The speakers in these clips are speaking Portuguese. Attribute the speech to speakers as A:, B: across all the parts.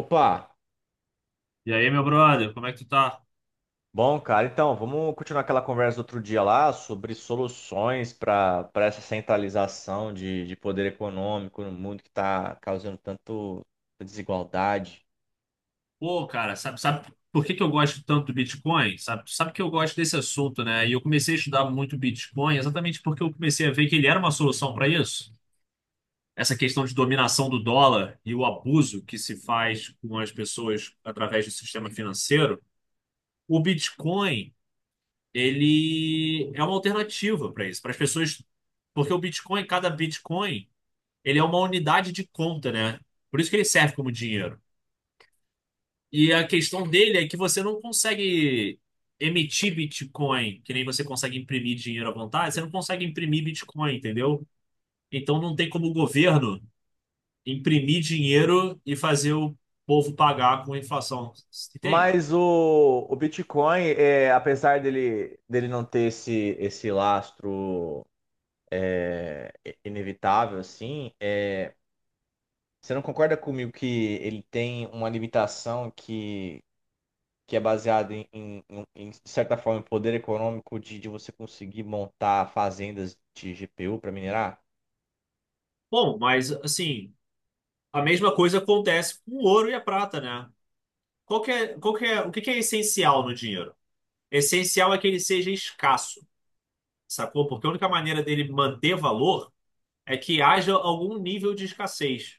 A: Opa,
B: E aí, meu brother, como é que tu tá?
A: bom, cara, então vamos continuar aquela conversa do outro dia lá sobre soluções para essa centralização de poder econômico no mundo que está causando tanto desigualdade.
B: Pô, cara, sabe por que que eu gosto tanto do Bitcoin? Sabe que eu gosto desse assunto, né? E eu comecei a estudar muito Bitcoin exatamente porque eu comecei a ver que ele era uma solução para isso. Essa questão de dominação do dólar e o abuso que se faz com as pessoas através do sistema financeiro. O Bitcoin, ele é uma alternativa para isso, para as pessoas. Porque o Bitcoin, cada Bitcoin, ele é uma unidade de conta, né? Por isso que ele serve como dinheiro. E a questão dele é que você não consegue emitir Bitcoin, que nem você consegue imprimir dinheiro à vontade, você não consegue imprimir Bitcoin, entendeu? Então não tem como o governo imprimir dinheiro e fazer o povo pagar com a inflação, entende?
A: Mas o Bitcoin, apesar dele não ter esse lastro é, inevitável, assim, você não concorda comigo que ele tem uma limitação que é baseado em, de certa forma, em poder econômico de você conseguir montar fazendas de GPU para minerar?
B: Bom, mas assim, a mesma coisa acontece com o ouro e a prata, né? Qual que é, o que que é essencial no dinheiro? Essencial é que ele seja escasso, sacou? Porque a única maneira dele manter valor é que haja algum nível de escassez.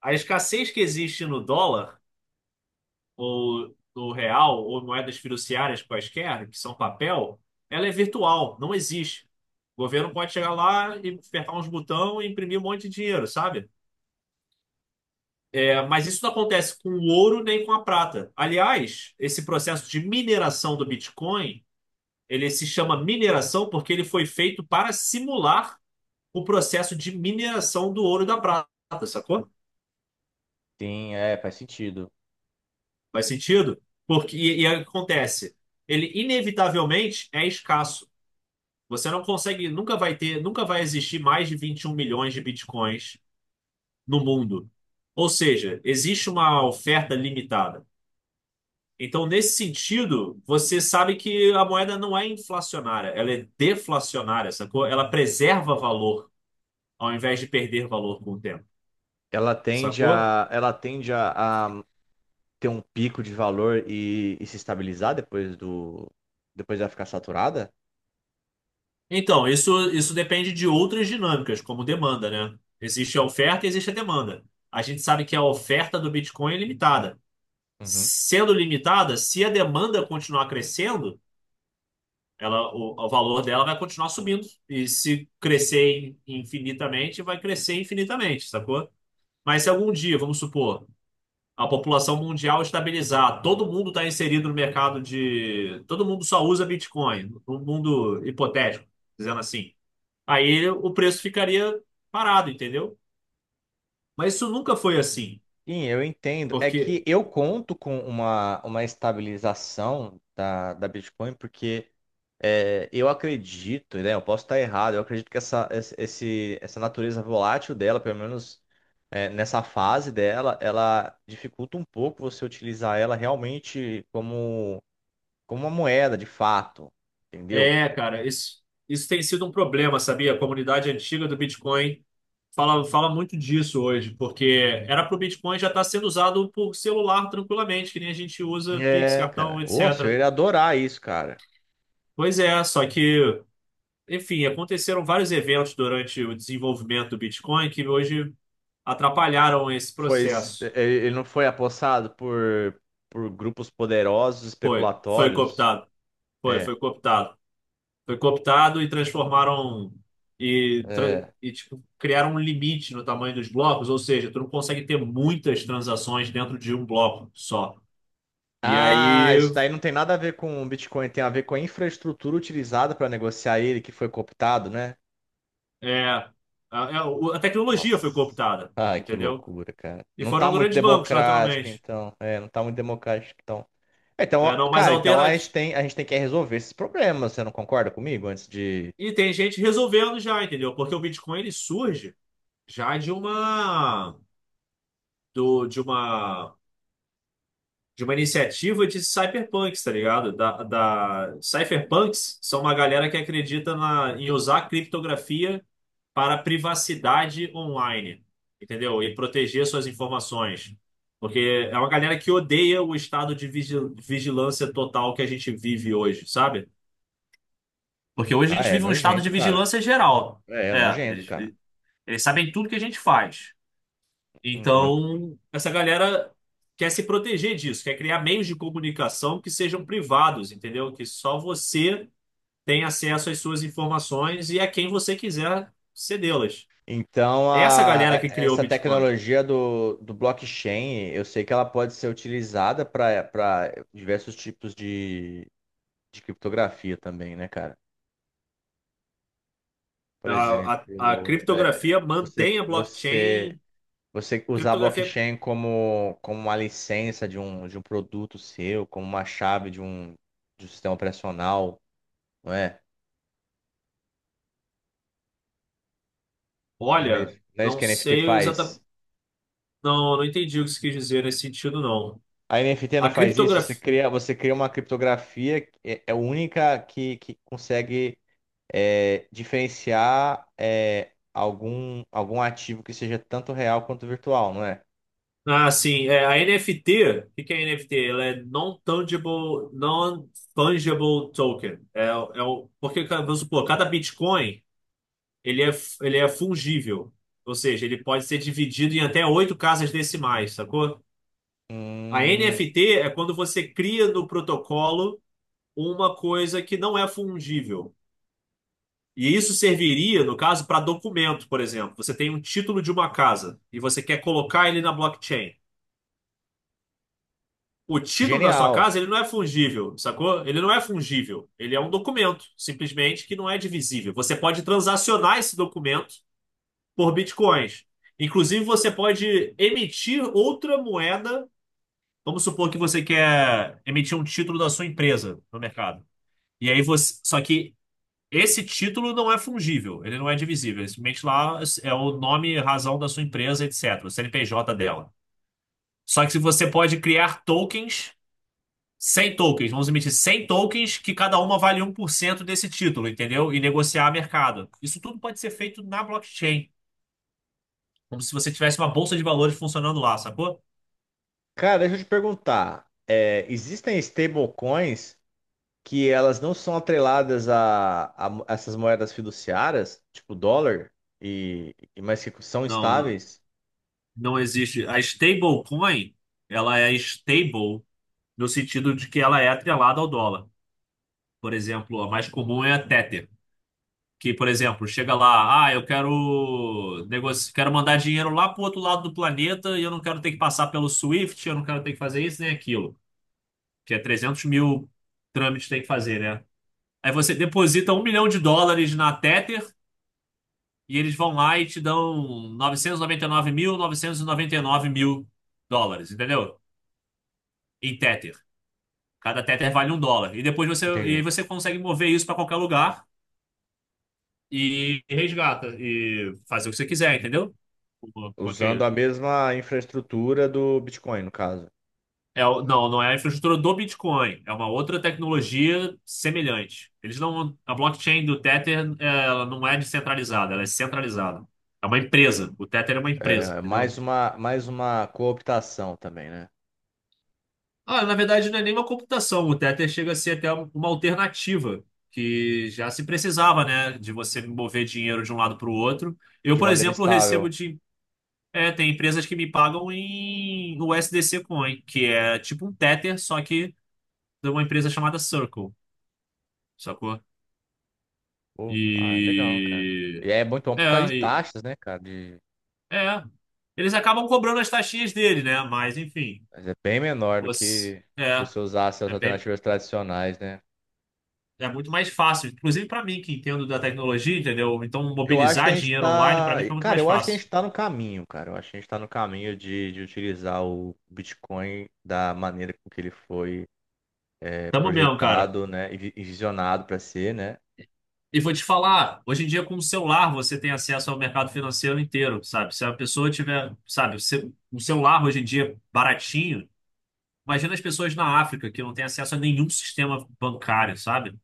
B: A escassez que existe no dólar, ou no real, ou moedas fiduciárias quaisquer, que são papel, ela é virtual, não existe. O governo pode chegar lá e apertar uns botões e imprimir um monte de dinheiro, sabe? É, mas isso não acontece com o ouro nem com a prata. Aliás, esse processo de mineração do Bitcoin, ele se chama mineração porque ele foi feito para simular o processo de mineração do ouro e da prata, sacou?
A: Sim, é, faz sentido.
B: Faz sentido? Porque, e aí o que acontece? Ele inevitavelmente é escasso. Você não consegue, nunca vai ter, nunca vai existir mais de 21 milhões de bitcoins no mundo. Ou seja, existe uma oferta limitada. Então, nesse sentido, você sabe que a moeda não é inflacionária, ela é deflacionária, sacou? Ela preserva valor ao invés de perder valor com o tempo,
A: Ela tende
B: sacou?
A: a, ela tende a, a ter um pico de valor e se estabilizar depois ela ficar saturada?
B: Então, isso depende de outras dinâmicas, como demanda, né? Existe a oferta e existe a demanda. A gente sabe que a oferta do Bitcoin é limitada.
A: Uhum.
B: Sendo limitada, se a demanda continuar crescendo, ela, o valor dela vai continuar subindo. E se infinitamente, vai crescer infinitamente, sacou? Mas se algum dia, vamos supor, a população mundial estabilizar, todo mundo está inserido no mercado de. Todo mundo só usa Bitcoin, num mundo hipotético, dizendo assim. Aí o preço ficaria parado, entendeu? Mas isso nunca foi assim,
A: Sim, eu entendo. É
B: porque
A: que eu conto com uma estabilização da Bitcoin, porque é, eu acredito, né? Eu posso estar errado, eu acredito que essa natureza volátil dela, pelo menos nessa fase dela, ela dificulta um pouco você utilizar ela realmente como uma moeda, de fato. Entendeu?
B: é, cara, isso tem sido um problema, sabia? A comunidade antiga do Bitcoin fala muito disso hoje, porque era para o Bitcoin já estar sendo usado por celular tranquilamente, que nem a gente usa Pix,
A: É,
B: cartão,
A: cara. Nossa, eu
B: etc.
A: iria adorar isso, cara.
B: Pois é, só que, enfim, aconteceram vários eventos durante o desenvolvimento do Bitcoin que hoje atrapalharam esse
A: Foi, s-
B: processo.
A: Ele não foi apossado por grupos poderosos,
B: Foi
A: especulatórios.
B: cooptado. Foi,
A: É.
B: foi cooptado. Foi cooptado e transformaram e, tra-
A: É.
B: e, tipo, criaram um limite no tamanho dos blocos, ou seja, tu não consegue ter muitas transações dentro de um bloco só. E
A: Ah,
B: aí
A: isso daí não tem nada a ver com o Bitcoin, tem a ver com a infraestrutura utilizada para negociar ele que foi cooptado, né?
B: é, a, a tecnologia foi
A: Nossa.
B: cooptada,
A: Ai, que
B: entendeu?
A: loucura, cara.
B: E
A: Não tá
B: foram
A: muito
B: grandes bancos,
A: democrático,
B: naturalmente.
A: então. É, não tá muito democrático, então. É, então,
B: É,
A: ó,
B: não, mas
A: cara, então
B: alternativa.
A: a gente tem que resolver esses problemas, você não concorda comigo? Antes de.
B: E tem gente resolvendo já, entendeu? Porque o Bitcoin ele surge já de uma do, de uma de uma iniciativa de cyberpunks, tá ligado? Da, da... Cyberpunks são uma galera que acredita em usar criptografia para privacidade online, entendeu? E proteger suas informações. Porque é uma galera que odeia o estado de vigilância total que a gente vive hoje, sabe? Porque hoje a
A: Ah,
B: gente
A: é
B: vive um estado
A: nojento,
B: de
A: cara.
B: vigilância geral.
A: É, é
B: É,
A: nojento,
B: eles,
A: cara.
B: eles sabem tudo que a gente faz.
A: Uhum.
B: Então, essa galera quer se proteger disso, quer criar meios de comunicação que sejam privados, entendeu? Que só você tem acesso às suas informações e a quem você quiser cedê-las.
A: Então,
B: Essa galera que criou o
A: essa
B: Bitcoin.
A: tecnologia do blockchain, eu sei que ela pode ser utilizada para diversos tipos de criptografia também, né, cara? Por
B: A
A: exemplo,
B: criptografia mantém a
A: você
B: blockchain.
A: você usar
B: Criptografia,
A: blockchain como uma licença de um produto seu, como uma chave de um sistema operacional, não é?
B: olha,
A: Não é isso
B: não
A: que a NFT
B: sei
A: faz?
B: exatamente. Não, não entendi o que você quis dizer nesse sentido, não.
A: A NFT não
B: A
A: faz isso?
B: criptografia.
A: Você cria uma criptografia que é única que consegue diferenciar algum ativo que seja tanto real quanto virtual, não é?
B: Ah, sim. É, a NFT, o que que é NFT? Ela é Non-Tangible, Non-Fungible Token. É o, porque, cara, vamos supor, cada Bitcoin, ele é fungível. Ou seja, ele pode ser dividido em até oito casas decimais, sacou? A
A: Hum,
B: NFT é quando você cria no protocolo uma coisa que não é fungível. E isso serviria, no caso, para documento, por exemplo. Você tem um título de uma casa e você quer colocar ele na blockchain. O título da sua
A: Genial.
B: casa, ele não é fungível, sacou? Ele não é fungível. Ele é um documento, simplesmente, que não é divisível. Você pode transacionar esse documento por bitcoins. Inclusive, você pode emitir outra moeda. Vamos supor que você quer emitir um título da sua empresa no mercado. E aí você. Só que esse título não é fungível, ele não é divisível. Ele simplesmente lá é o nome, razão da sua empresa, etc. O CNPJ dela. Só que se você pode criar tokens 100 tokens, vamos emitir 100 tokens que cada uma vale 1% desse título, entendeu? E negociar a mercado. Isso tudo pode ser feito na blockchain, como se você tivesse uma bolsa de valores funcionando lá, sacou?
A: Cara, deixa eu te perguntar. Existem stablecoins que elas não são atreladas a essas moedas fiduciárias, tipo dólar, mas que são
B: Não, não,
A: estáveis?
B: não existe. A stablecoin, ela é stable no sentido de que ela é atrelada ao dólar. Por exemplo, a mais comum é a Tether, que, por exemplo, chega lá, ah, eu quero quero mandar dinheiro lá pro outro lado do planeta e eu não quero ter que passar pelo Swift, eu não quero ter que fazer isso nem aquilo. Que é 300 mil trâmites que tem que fazer, né? Aí você deposita 1 milhão de dólares na Tether e eles vão lá e te dão 999 mil novecentos e noventa e nove mil dólares, entendeu? Em Tether. Cada Tether vale um dólar. E depois você, e aí
A: Entendi.
B: você consegue mover isso para qualquer lugar e resgata e fazer o que você quiser, entendeu? Com, com
A: Usando
B: aquele-
A: a mesma infraestrutura do Bitcoin, no caso.
B: É, não, não é a infraestrutura do Bitcoin, é uma outra tecnologia semelhante. Eles não, a blockchain do Tether, é, ela não é descentralizada, ela é centralizada. É uma empresa. O Tether é uma empresa,
A: É,
B: entendeu?
A: mais uma cooptação também, né?
B: Ah, na verdade, não é nem uma computação. O Tether chega a ser até uma alternativa que já se precisava, né, de você mover dinheiro de um lado para o outro. Eu,
A: De
B: por
A: maneira
B: exemplo,
A: estável.
B: recebo de, é, tem empresas que me pagam em USDC Coin, que é tipo um Tether, só que de uma empresa chamada Circle. Sacou?
A: Pô, ah, é legal, cara.
B: E.
A: E é muito bom
B: É,
A: por causa de
B: e-
A: taxas, né, cara? De,
B: é. Eles acabam cobrando as taxinhas dele, né? Mas, enfim.
A: mas é bem menor do
B: Você...
A: que se
B: É.
A: você usasse as
B: É bem.
A: alternativas tradicionais, né?
B: É muito mais fácil, inclusive para mim que entendo da tecnologia, entendeu? Então,
A: Eu acho que
B: mobilizar
A: a gente
B: dinheiro online para
A: tá.
B: mim fica muito
A: Cara,
B: mais
A: eu acho que a gente
B: fácil.
A: tá no caminho, cara. Eu acho que a gente tá no caminho de utilizar o Bitcoin da maneira com que ele foi
B: Tamo mesmo, cara.
A: projetado, né? E visionado para ser, né?
B: E vou te falar, hoje em dia com o celular você tem acesso ao mercado financeiro inteiro, sabe? Se a pessoa tiver, sabe, um celular hoje em dia baratinho, imagina as pessoas na África que não têm acesso a nenhum sistema bancário, sabe?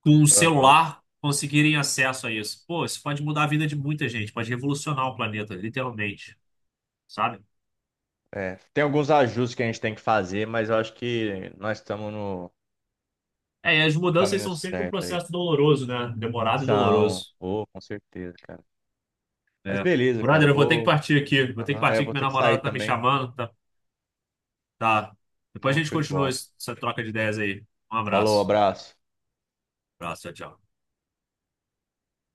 B: Com um
A: Aham.
B: celular conseguirem acesso a isso. Pô, isso pode mudar a vida de muita gente, pode revolucionar o planeta, literalmente, sabe?
A: É, tem alguns ajustes que a gente tem que fazer, mas eu acho que nós estamos no,
B: É, e as
A: no
B: mudanças
A: caminho
B: são sempre um
A: certo aí.
B: processo doloroso, né? Demorado e
A: São,
B: doloroso.
A: oh, com certeza, cara. Mas
B: É.
A: beleza, cara.
B: Brother, eu vou ter que
A: Vou.
B: partir aqui. Vou ter que
A: Aham. É, eu
B: partir que
A: vou
B: minha
A: ter que sair
B: namorada tá me
A: também.
B: chamando. Tá, tá. Depois a
A: Não,
B: gente
A: show de
B: continua
A: bola.
B: essa troca de ideias aí. Um
A: Falou,
B: abraço.
A: abraço.
B: Abraço, tchau, tchau.